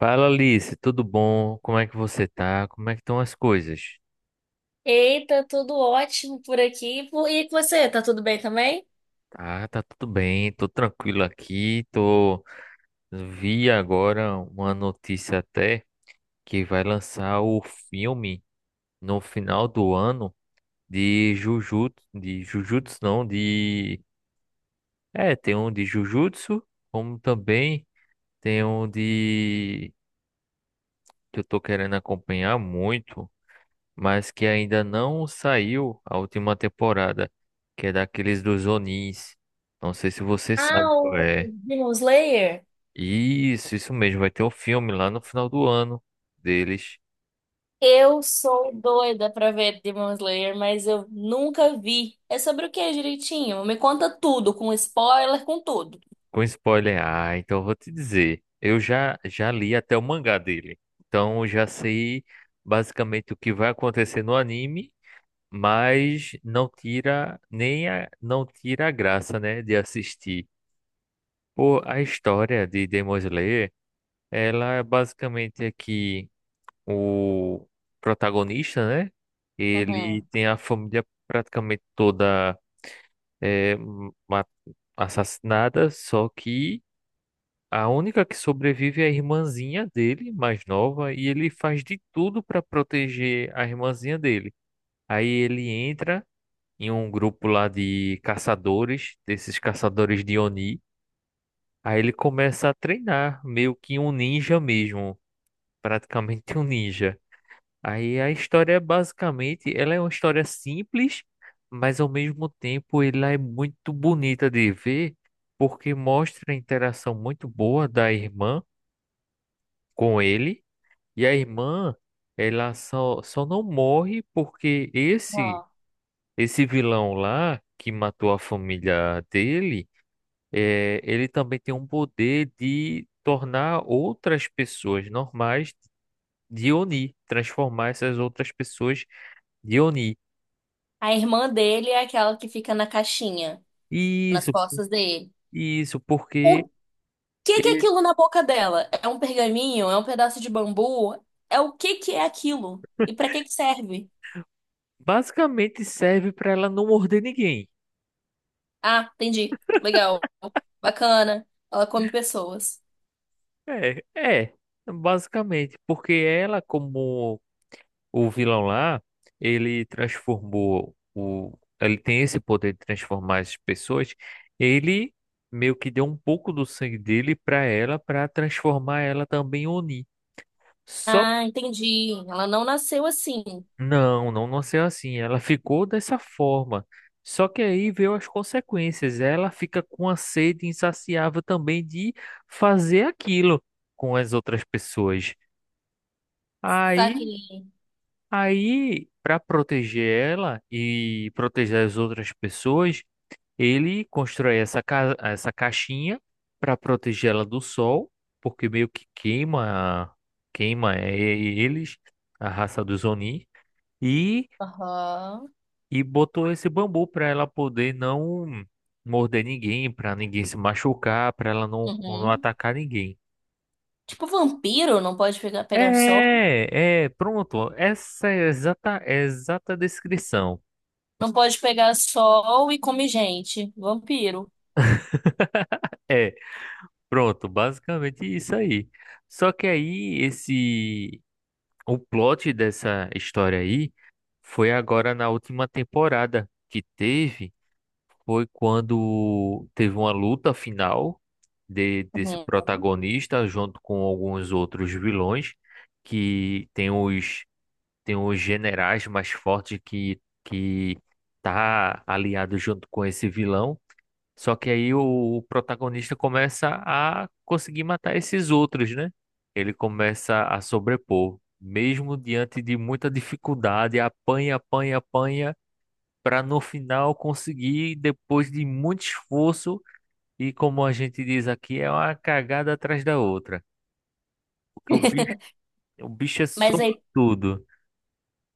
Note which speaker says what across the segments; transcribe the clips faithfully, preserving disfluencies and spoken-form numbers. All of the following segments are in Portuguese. Speaker 1: Fala Alice, tudo bom? Como é que você tá? Como é que estão as coisas?
Speaker 2: Eita, tudo ótimo por aqui. Por- E com você, tá tudo bem também?
Speaker 1: Ah, tá tudo bem, tô tranquilo aqui, tô... Vi agora uma notícia até que vai lançar o filme no final do ano de Jujutsu, de Jujutsu não, de... É, tem um de Jujutsu, como também tem um de... que eu tô querendo acompanhar muito, mas que ainda não saiu a última temporada, que é daqueles dos Onins. Não sei se você
Speaker 2: Ah,
Speaker 1: sabe qual
Speaker 2: o
Speaker 1: é.
Speaker 2: Demon Slayer?
Speaker 1: Isso, isso mesmo, vai ter um filme lá no final do ano deles,
Speaker 2: Eu sou doida pra ver Demon Slayer, mas eu nunca vi. É sobre o que direitinho? Me conta tudo, com spoiler, com tudo.
Speaker 1: com spoiler. Ah, então eu vou te dizer, eu já já li até o mangá dele. Então eu já sei basicamente o que vai acontecer no anime, mas não tira nem a, não tira a graça, né, de assistir. Pô, a história de Demon Slayer. Ela é basicamente aqui o protagonista, né? Ele
Speaker 2: Uhum.
Speaker 1: tem a família praticamente toda é, ma- assassinada, só que a única que sobrevive é a irmãzinha dele, mais nova, e ele faz de tudo para proteger a irmãzinha dele. Aí ele entra em um grupo lá de caçadores, desses caçadores de Oni. Aí ele começa a treinar, meio que um ninja mesmo, praticamente um ninja. Aí a história basicamente, ela é uma história simples, mas ao mesmo tempo ela é muito bonita de ver, porque mostra a interação muito boa da irmã com ele, e a irmã, ela só, só não morre porque esse
Speaker 2: Ó.
Speaker 1: esse vilão lá que matou a família dele, é, ele também tem um poder de tornar outras pessoas normais de Oni, transformar essas outras pessoas de Oni.
Speaker 2: A irmã dele é aquela que fica na caixinha, nas
Speaker 1: Isso,
Speaker 2: costas dele.
Speaker 1: isso, porque
Speaker 2: O que que é
Speaker 1: ele
Speaker 2: aquilo na boca dela? É um pergaminho? É um pedaço de bambu? É o que que é aquilo? E pra que que serve?
Speaker 1: basicamente serve para ela não morder ninguém.
Speaker 2: Ah, entendi. Legal. Bacana. Ela come pessoas.
Speaker 1: É, é, basicamente, porque ela, como o vilão lá, ele transformou o, ele tem esse poder de transformar as pessoas. Ele meio que deu um pouco do sangue dele para ela, para transformar ela também em Oni. Só
Speaker 2: Ah, entendi. Ela não nasceu assim.
Speaker 1: Não, não nasceu assim. Ela ficou dessa forma. Só que aí veio as consequências. Ela fica com a sede insaciável também de fazer aquilo com as outras pessoas. Aí,
Speaker 2: Saque.
Speaker 1: aí, para proteger ela e proteger as outras pessoas, ele constrói essa ca essa caixinha para proteger ela do sol, porque meio que queima queima eh, eles, a raça dos Oni. E
Speaker 2: Aham.
Speaker 1: e botou esse bambu para ela poder não morder ninguém, para ninguém se machucar, para ela não, não
Speaker 2: Uhum.
Speaker 1: atacar ninguém.
Speaker 2: Tipo vampiro, não pode pegar, pegar sol.
Speaker 1: É, é, pronto. Essa é a exata, é a exata descrição.
Speaker 2: Não pode pegar sol e comer gente. Vampiro.
Speaker 1: É, pronto, basicamente isso aí. Só que aí esse o plot dessa história aí foi agora na última temporada que teve. Foi quando teve uma luta final de, desse
Speaker 2: Uhum.
Speaker 1: protagonista junto com alguns outros vilões que tem os tem os generais mais fortes que que tá aliado junto com esse vilão. Só que aí o protagonista começa a conseguir matar esses outros, né? Ele começa a sobrepor, mesmo diante de muita dificuldade, apanha, apanha, apanha para no final conseguir, depois de muito esforço, e como a gente diz aqui, é uma cagada atrás da outra. Porque o bicho, o bicho é
Speaker 2: Mas aí,
Speaker 1: sortudo.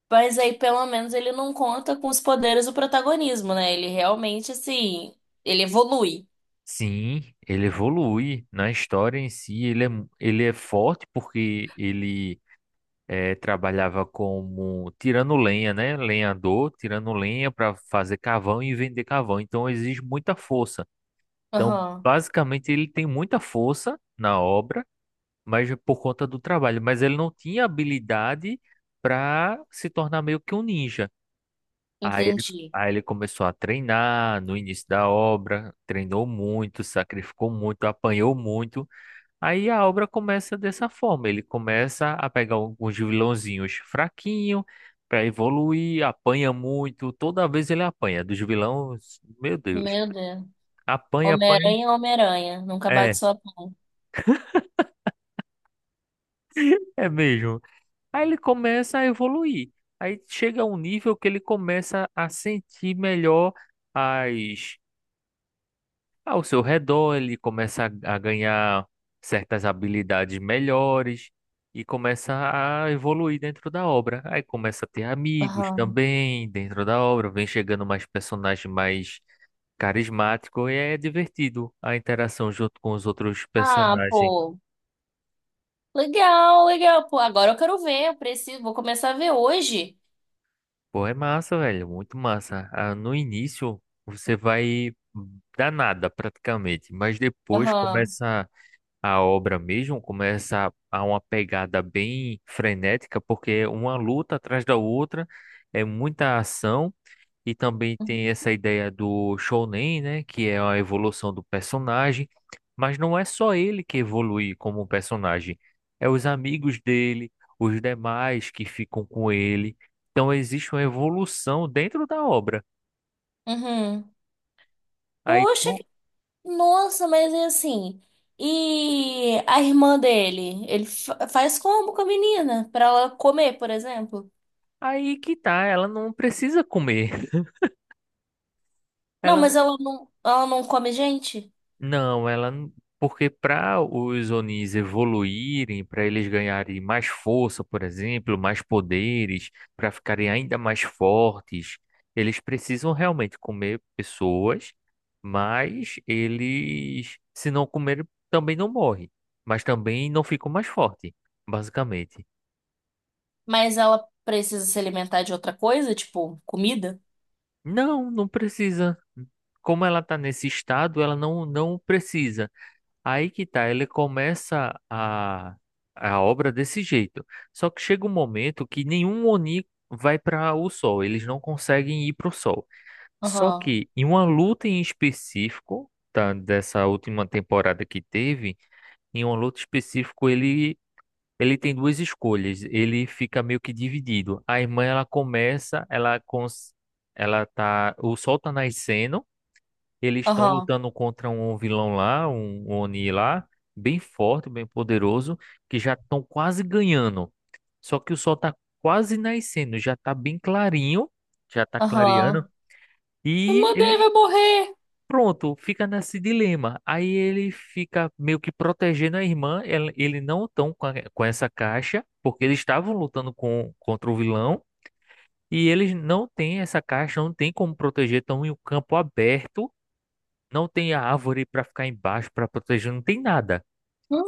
Speaker 2: mas aí, pelo menos, ele não conta com os poderes do protagonismo, né? Ele realmente, assim, ele evolui.
Speaker 1: Sim, ele evolui na história em si, ele é, mu- ele é forte porque ele eh, trabalhava como tirando lenha, né? Lenhador, tirando lenha para fazer carvão e vender carvão. Então exige muita força. Então,
Speaker 2: Aham.
Speaker 1: basicamente, ele tem muita força na obra mas por conta do trabalho. Mas ele não tinha habilidade para se tornar meio que um ninja. Aí ele,
Speaker 2: Entendi.
Speaker 1: aí ele começou a treinar no início da obra, treinou muito, sacrificou muito, apanhou muito. Aí a obra começa dessa forma: ele começa a pegar alguns vilãozinhos fraquinho para evoluir, apanha muito. Toda vez ele apanha dos vilões, meu Deus,
Speaker 2: Meu Deus.
Speaker 1: apanha, apanha.
Speaker 2: Homem-Aranha, é Homem-Aranha. Nunca bate
Speaker 1: É,
Speaker 2: sua.
Speaker 1: é mesmo. Aí ele começa a evoluir. Aí chega a um nível que ele começa a sentir melhor as, ao seu redor, ele começa a, a ganhar certas habilidades melhores e começa a evoluir dentro da obra. Aí começa a ter amigos também dentro da obra, vem chegando mais personagem mais carismático e é divertido a interação junto com os outros
Speaker 2: Ah,
Speaker 1: personagens.
Speaker 2: pô. Legal, legal. Pô, agora eu quero ver. Eu preciso, vou começar a ver hoje.
Speaker 1: Pô, é massa, velho, muito massa. Ah, no início você vai dar nada praticamente, mas depois
Speaker 2: Aham.
Speaker 1: começa a obra mesmo, começa a uma pegada bem frenética, porque é uma luta atrás da outra, é muita ação. E também tem essa ideia do Shounen, né? Que é a evolução do personagem. Mas não é só ele que evolui como personagem. É os amigos dele, os demais que ficam com ele. Então existe uma evolução dentro da obra.
Speaker 2: Uhum.
Speaker 1: Aí,
Speaker 2: Poxa,
Speaker 1: com-
Speaker 2: que- nossa, mas é assim. E a irmã dele? Ele fa- faz como com a menina? Pra ela comer, por exemplo?
Speaker 1: aí que tá, ela não precisa comer.
Speaker 2: Não,
Speaker 1: Ela
Speaker 2: mas ela não, ela não come gente?
Speaker 1: Não, ela. n- Porque para os Onis evoluírem, para eles ganharem mais força, por exemplo, mais poderes, para ficarem ainda mais fortes, eles precisam realmente comer pessoas, mas eles, se não comerem, também não morrem, mas também não ficam mais fortes, basicamente.
Speaker 2: Mas ela precisa se alimentar de outra coisa, tipo comida?
Speaker 1: Não, não precisa. Como ela está nesse estado, ela não, não precisa. Aí que tá, ele começa a, a obra desse jeito. Só que chega um momento que nenhum Oni vai para o Sol, eles não conseguem ir para o Sol. Só
Speaker 2: Aham,
Speaker 1: que em uma luta em específico, tá, dessa última temporada que teve, em uma luta específico ele ele tem duas escolhas, ele fica meio que dividido. A irmã ela começa, ela cons, ela tá, o Sol tá nascendo, eles estão
Speaker 2: aham,
Speaker 1: lutando contra um vilão lá, um um Oni lá, bem forte, bem poderoso, que já estão quase ganhando. Só que o sol tá quase nascendo, já tá bem clarinho, já tá clareando.
Speaker 2: aham. A
Speaker 1: E
Speaker 2: irmã dele
Speaker 1: ele,
Speaker 2: vai morrer.
Speaker 1: pronto, fica nesse dilema. Aí ele fica meio que protegendo a irmã. Ele, ele não tão com, a- com essa caixa, porque eles estavam lutando com, contra o vilão. E eles não têm essa caixa, não tem como proteger, estão em um campo aberto, não tem a árvore para ficar embaixo para proteger, não tem nada.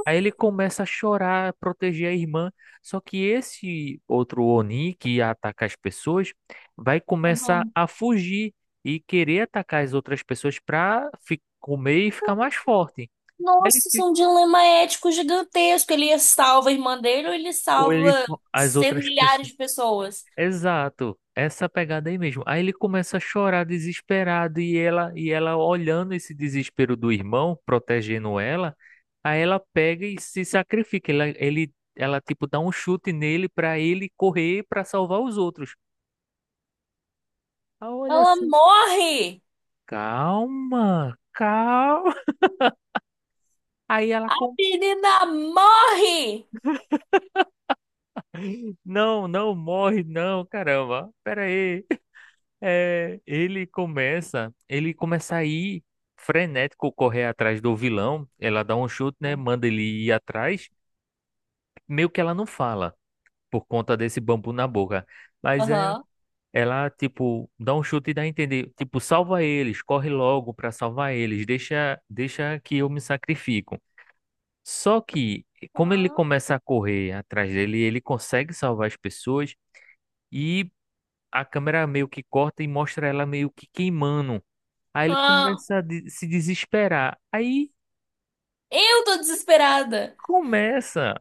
Speaker 1: Aí ele começa a chorar, a proteger a irmã. Só que esse outro Oni que ia atacar as pessoas vai começar
Speaker 2: Hum?
Speaker 1: a fugir e querer atacar as outras pessoas para comer e ficar mais forte. Aí Ele,
Speaker 2: Nossa, isso é
Speaker 1: fi-
Speaker 2: um dilema ético gigantesco. Ele salva a irmã dele ou ele
Speaker 1: ou ele,
Speaker 2: salva
Speaker 1: as
Speaker 2: cem
Speaker 1: outras
Speaker 2: milhares
Speaker 1: pessoas.
Speaker 2: de pessoas?
Speaker 1: Exato, essa pegada aí mesmo. Aí ele começa a chorar desesperado e ela e ela olhando esse desespero do irmão, protegendo ela, aí ela pega e se sacrifica. Ela, ele, ela tipo dá um chute nele para ele correr para salvar os outros. Aí olha
Speaker 2: Ela
Speaker 1: assim,
Speaker 2: morre!
Speaker 1: calma, calma. Aí ela
Speaker 2: A
Speaker 1: com,
Speaker 2: menina morre!
Speaker 1: não, não morre não, caramba. Pera aí. É, ele começa, ele começa a ir frenético correr atrás do vilão. Ela dá um chute, né? Manda ele ir atrás. Meio que ela não fala por conta desse bambu na boca. Mas é,
Speaker 2: Aham.
Speaker 1: ela, tipo, dá um chute e dá a entender, tipo, salva eles, corre logo pra salvar eles, deixa, deixa que eu me sacrifico. Só que, como ele
Speaker 2: Aham.
Speaker 1: começa a correr atrás dele, ele consegue salvar as pessoas e a câmera meio que corta e mostra ela meio que queimando. Aí ele
Speaker 2: Ah,
Speaker 1: começa a de- se desesperar. Aí
Speaker 2: eu tô desesperada.
Speaker 1: começa,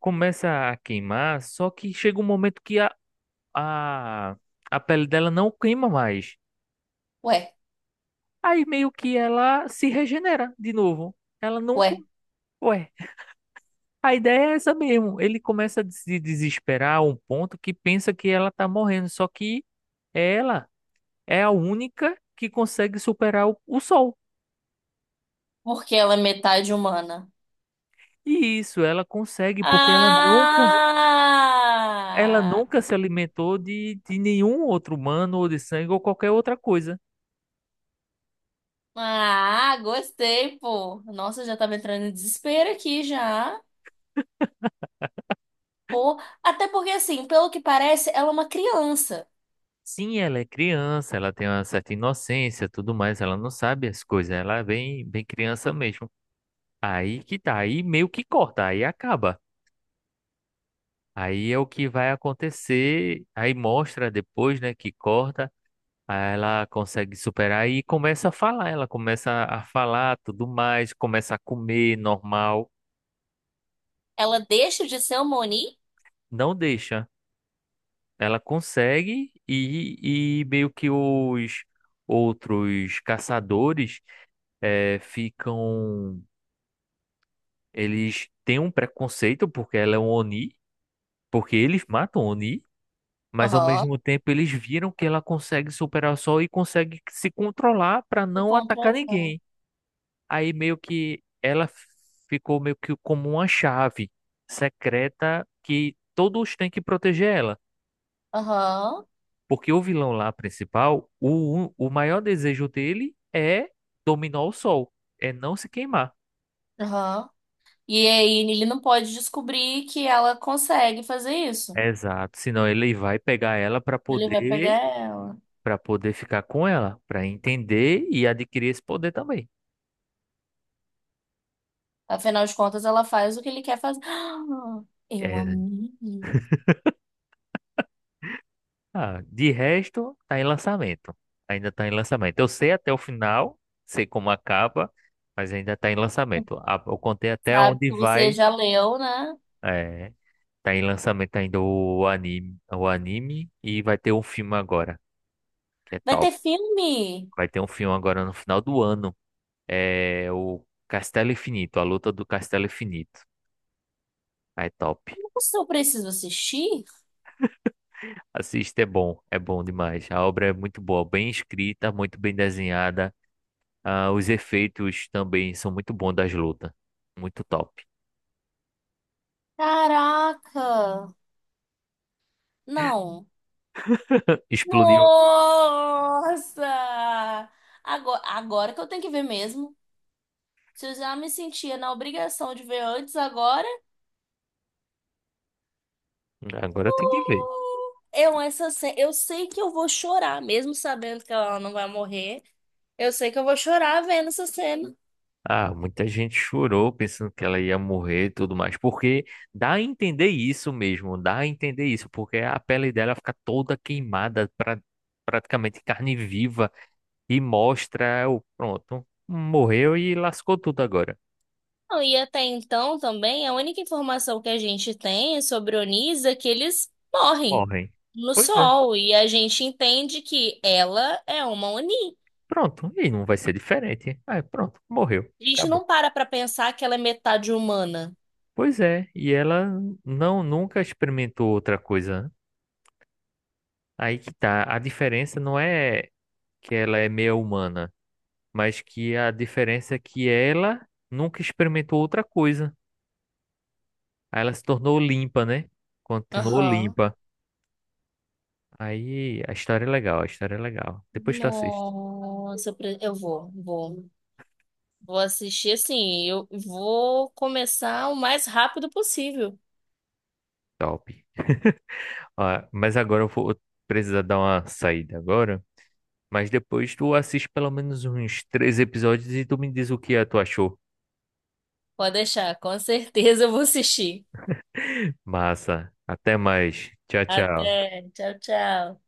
Speaker 1: começa a queimar, só que chega um momento que a, a, a pele dela não queima mais.
Speaker 2: Ué,
Speaker 1: Aí meio que ela se regenera de novo. Ela não. co-
Speaker 2: ué,
Speaker 1: Ué, a ideia é essa mesmo. Ele começa a se desesperar a um ponto que pensa que ela tá morrendo, só que ela é a única que consegue superar o, o sol.
Speaker 2: porque ela é metade humana.
Speaker 1: E isso ela consegue porque ela nunca Ela
Speaker 2: Ah!
Speaker 1: nunca se alimentou de, de nenhum outro humano ou de sangue ou qualquer outra coisa.
Speaker 2: Ah, gostei, pô. Nossa, já tava entrando em desespero aqui já. Pô, até porque assim, pelo que parece, ela é uma criança.
Speaker 1: Sim, ela é criança, ela tem uma certa inocência, tudo mais, ela não sabe as coisas, ela é bem, bem criança mesmo. Aí que tá, aí meio que corta, aí acaba. Aí é o que vai acontecer, aí mostra depois, né, que corta, aí ela consegue superar e começa a falar, ela começa a falar, tudo mais, começa a comer normal,
Speaker 2: Ela deixa de ser uma Oni?
Speaker 1: não deixa. Ela consegue e, e meio que os outros caçadores eh, ficam. Eles têm um preconceito porque ela é um Oni, porque eles matam Oni, mas ao
Speaker 2: Aham.
Speaker 1: mesmo tempo eles viram que ela consegue superar o sol e consegue se controlar para
Speaker 2: De
Speaker 1: não atacar
Speaker 2: controlar.
Speaker 1: ninguém. Aí meio que ela ficou meio que como uma chave secreta que todos têm que proteger ela.
Speaker 2: Aham.
Speaker 1: Porque o vilão lá principal, o, o maior desejo dele é dominar o sol, é não se queimar.
Speaker 2: Aham. E aí ele não pode descobrir que ela consegue fazer isso.
Speaker 1: Exato, senão ele vai pegar ela para
Speaker 2: Ele vai
Speaker 1: poder
Speaker 2: pegar ela.
Speaker 1: para poder ficar com ela, para entender e adquirir esse poder também.
Speaker 2: Afinal de contas, ela faz o que ele quer fazer. Ah, eu
Speaker 1: É,
Speaker 2: amei.
Speaker 1: ah, de resto, tá em lançamento. Ainda tá em lançamento. Eu sei até o final, sei como acaba, mas ainda tá em lançamento. Ah, Eu contei até
Speaker 2: Sabe
Speaker 1: onde
Speaker 2: que você
Speaker 1: vai.
Speaker 2: já leu, né?
Speaker 1: É, tá em lançamento ainda o anime, o anime e vai ter um filme agora. que é
Speaker 2: Vai ter
Speaker 1: top.
Speaker 2: filme.
Speaker 1: Vai ter um filme agora no final do ano. É o Castelo Infinito, a luta do Castelo Infinito. É top.
Speaker 2: Nossa, eu preciso assistir?
Speaker 1: Assista, é bom, é bom demais. A obra é muito boa, bem escrita, muito bem desenhada. Ah, os efeitos também são muito bons das lutas. Muito top.
Speaker 2: Caraca. Não.
Speaker 1: Explodiu.
Speaker 2: Nossa! Agora, agora que eu tenho que ver mesmo. Se eu já me sentia na obrigação de ver antes, agora.
Speaker 1: Agora tem que ver.
Speaker 2: Uh, Eu, essa, ce- eu sei que eu vou chorar, mesmo sabendo que ela não vai morrer. Eu sei que eu vou chorar vendo essa cena.
Speaker 1: Ah, muita gente chorou pensando que ela ia morrer e tudo mais, porque dá a entender isso mesmo, dá a entender isso, porque a pele dela fica toda queimada, pra, praticamente carne viva, e mostra o pronto, morreu e lascou tudo agora.
Speaker 2: Não, e até então também, a única informação que a gente tem é sobre Onis é que eles morrem
Speaker 1: Morrem.
Speaker 2: no
Speaker 1: Pois é.
Speaker 2: sol. E a gente entende que ela é uma Oni.
Speaker 1: Pronto, e não vai ser diferente. Ah, pronto, morreu,
Speaker 2: A gente
Speaker 1: acabou.
Speaker 2: não para pra pensar que ela é metade humana.
Speaker 1: Pois é, e ela não nunca experimentou outra coisa. Aí que tá, a diferença não é que ela é meia humana. mas que a diferença é que ela nunca experimentou outra coisa. Aí ela se tornou limpa, né? Continuou
Speaker 2: Aham.
Speaker 1: limpa. Aí a história é legal, a história é legal. Depois tu assiste.
Speaker 2: Nossa, eu pre- eu vou, vou. Vou assistir assim, eu vou começar o mais rápido possível.
Speaker 1: Top. Ah, mas agora eu vou precisar dar uma saída agora. Mas depois tu assiste pelo menos uns três episódios e tu me diz o que é, tu achou.
Speaker 2: Pode deixar, com certeza eu vou assistir.
Speaker 1: Massa. Até mais. Tchau, tchau.
Speaker 2: Até, tchau, tchau.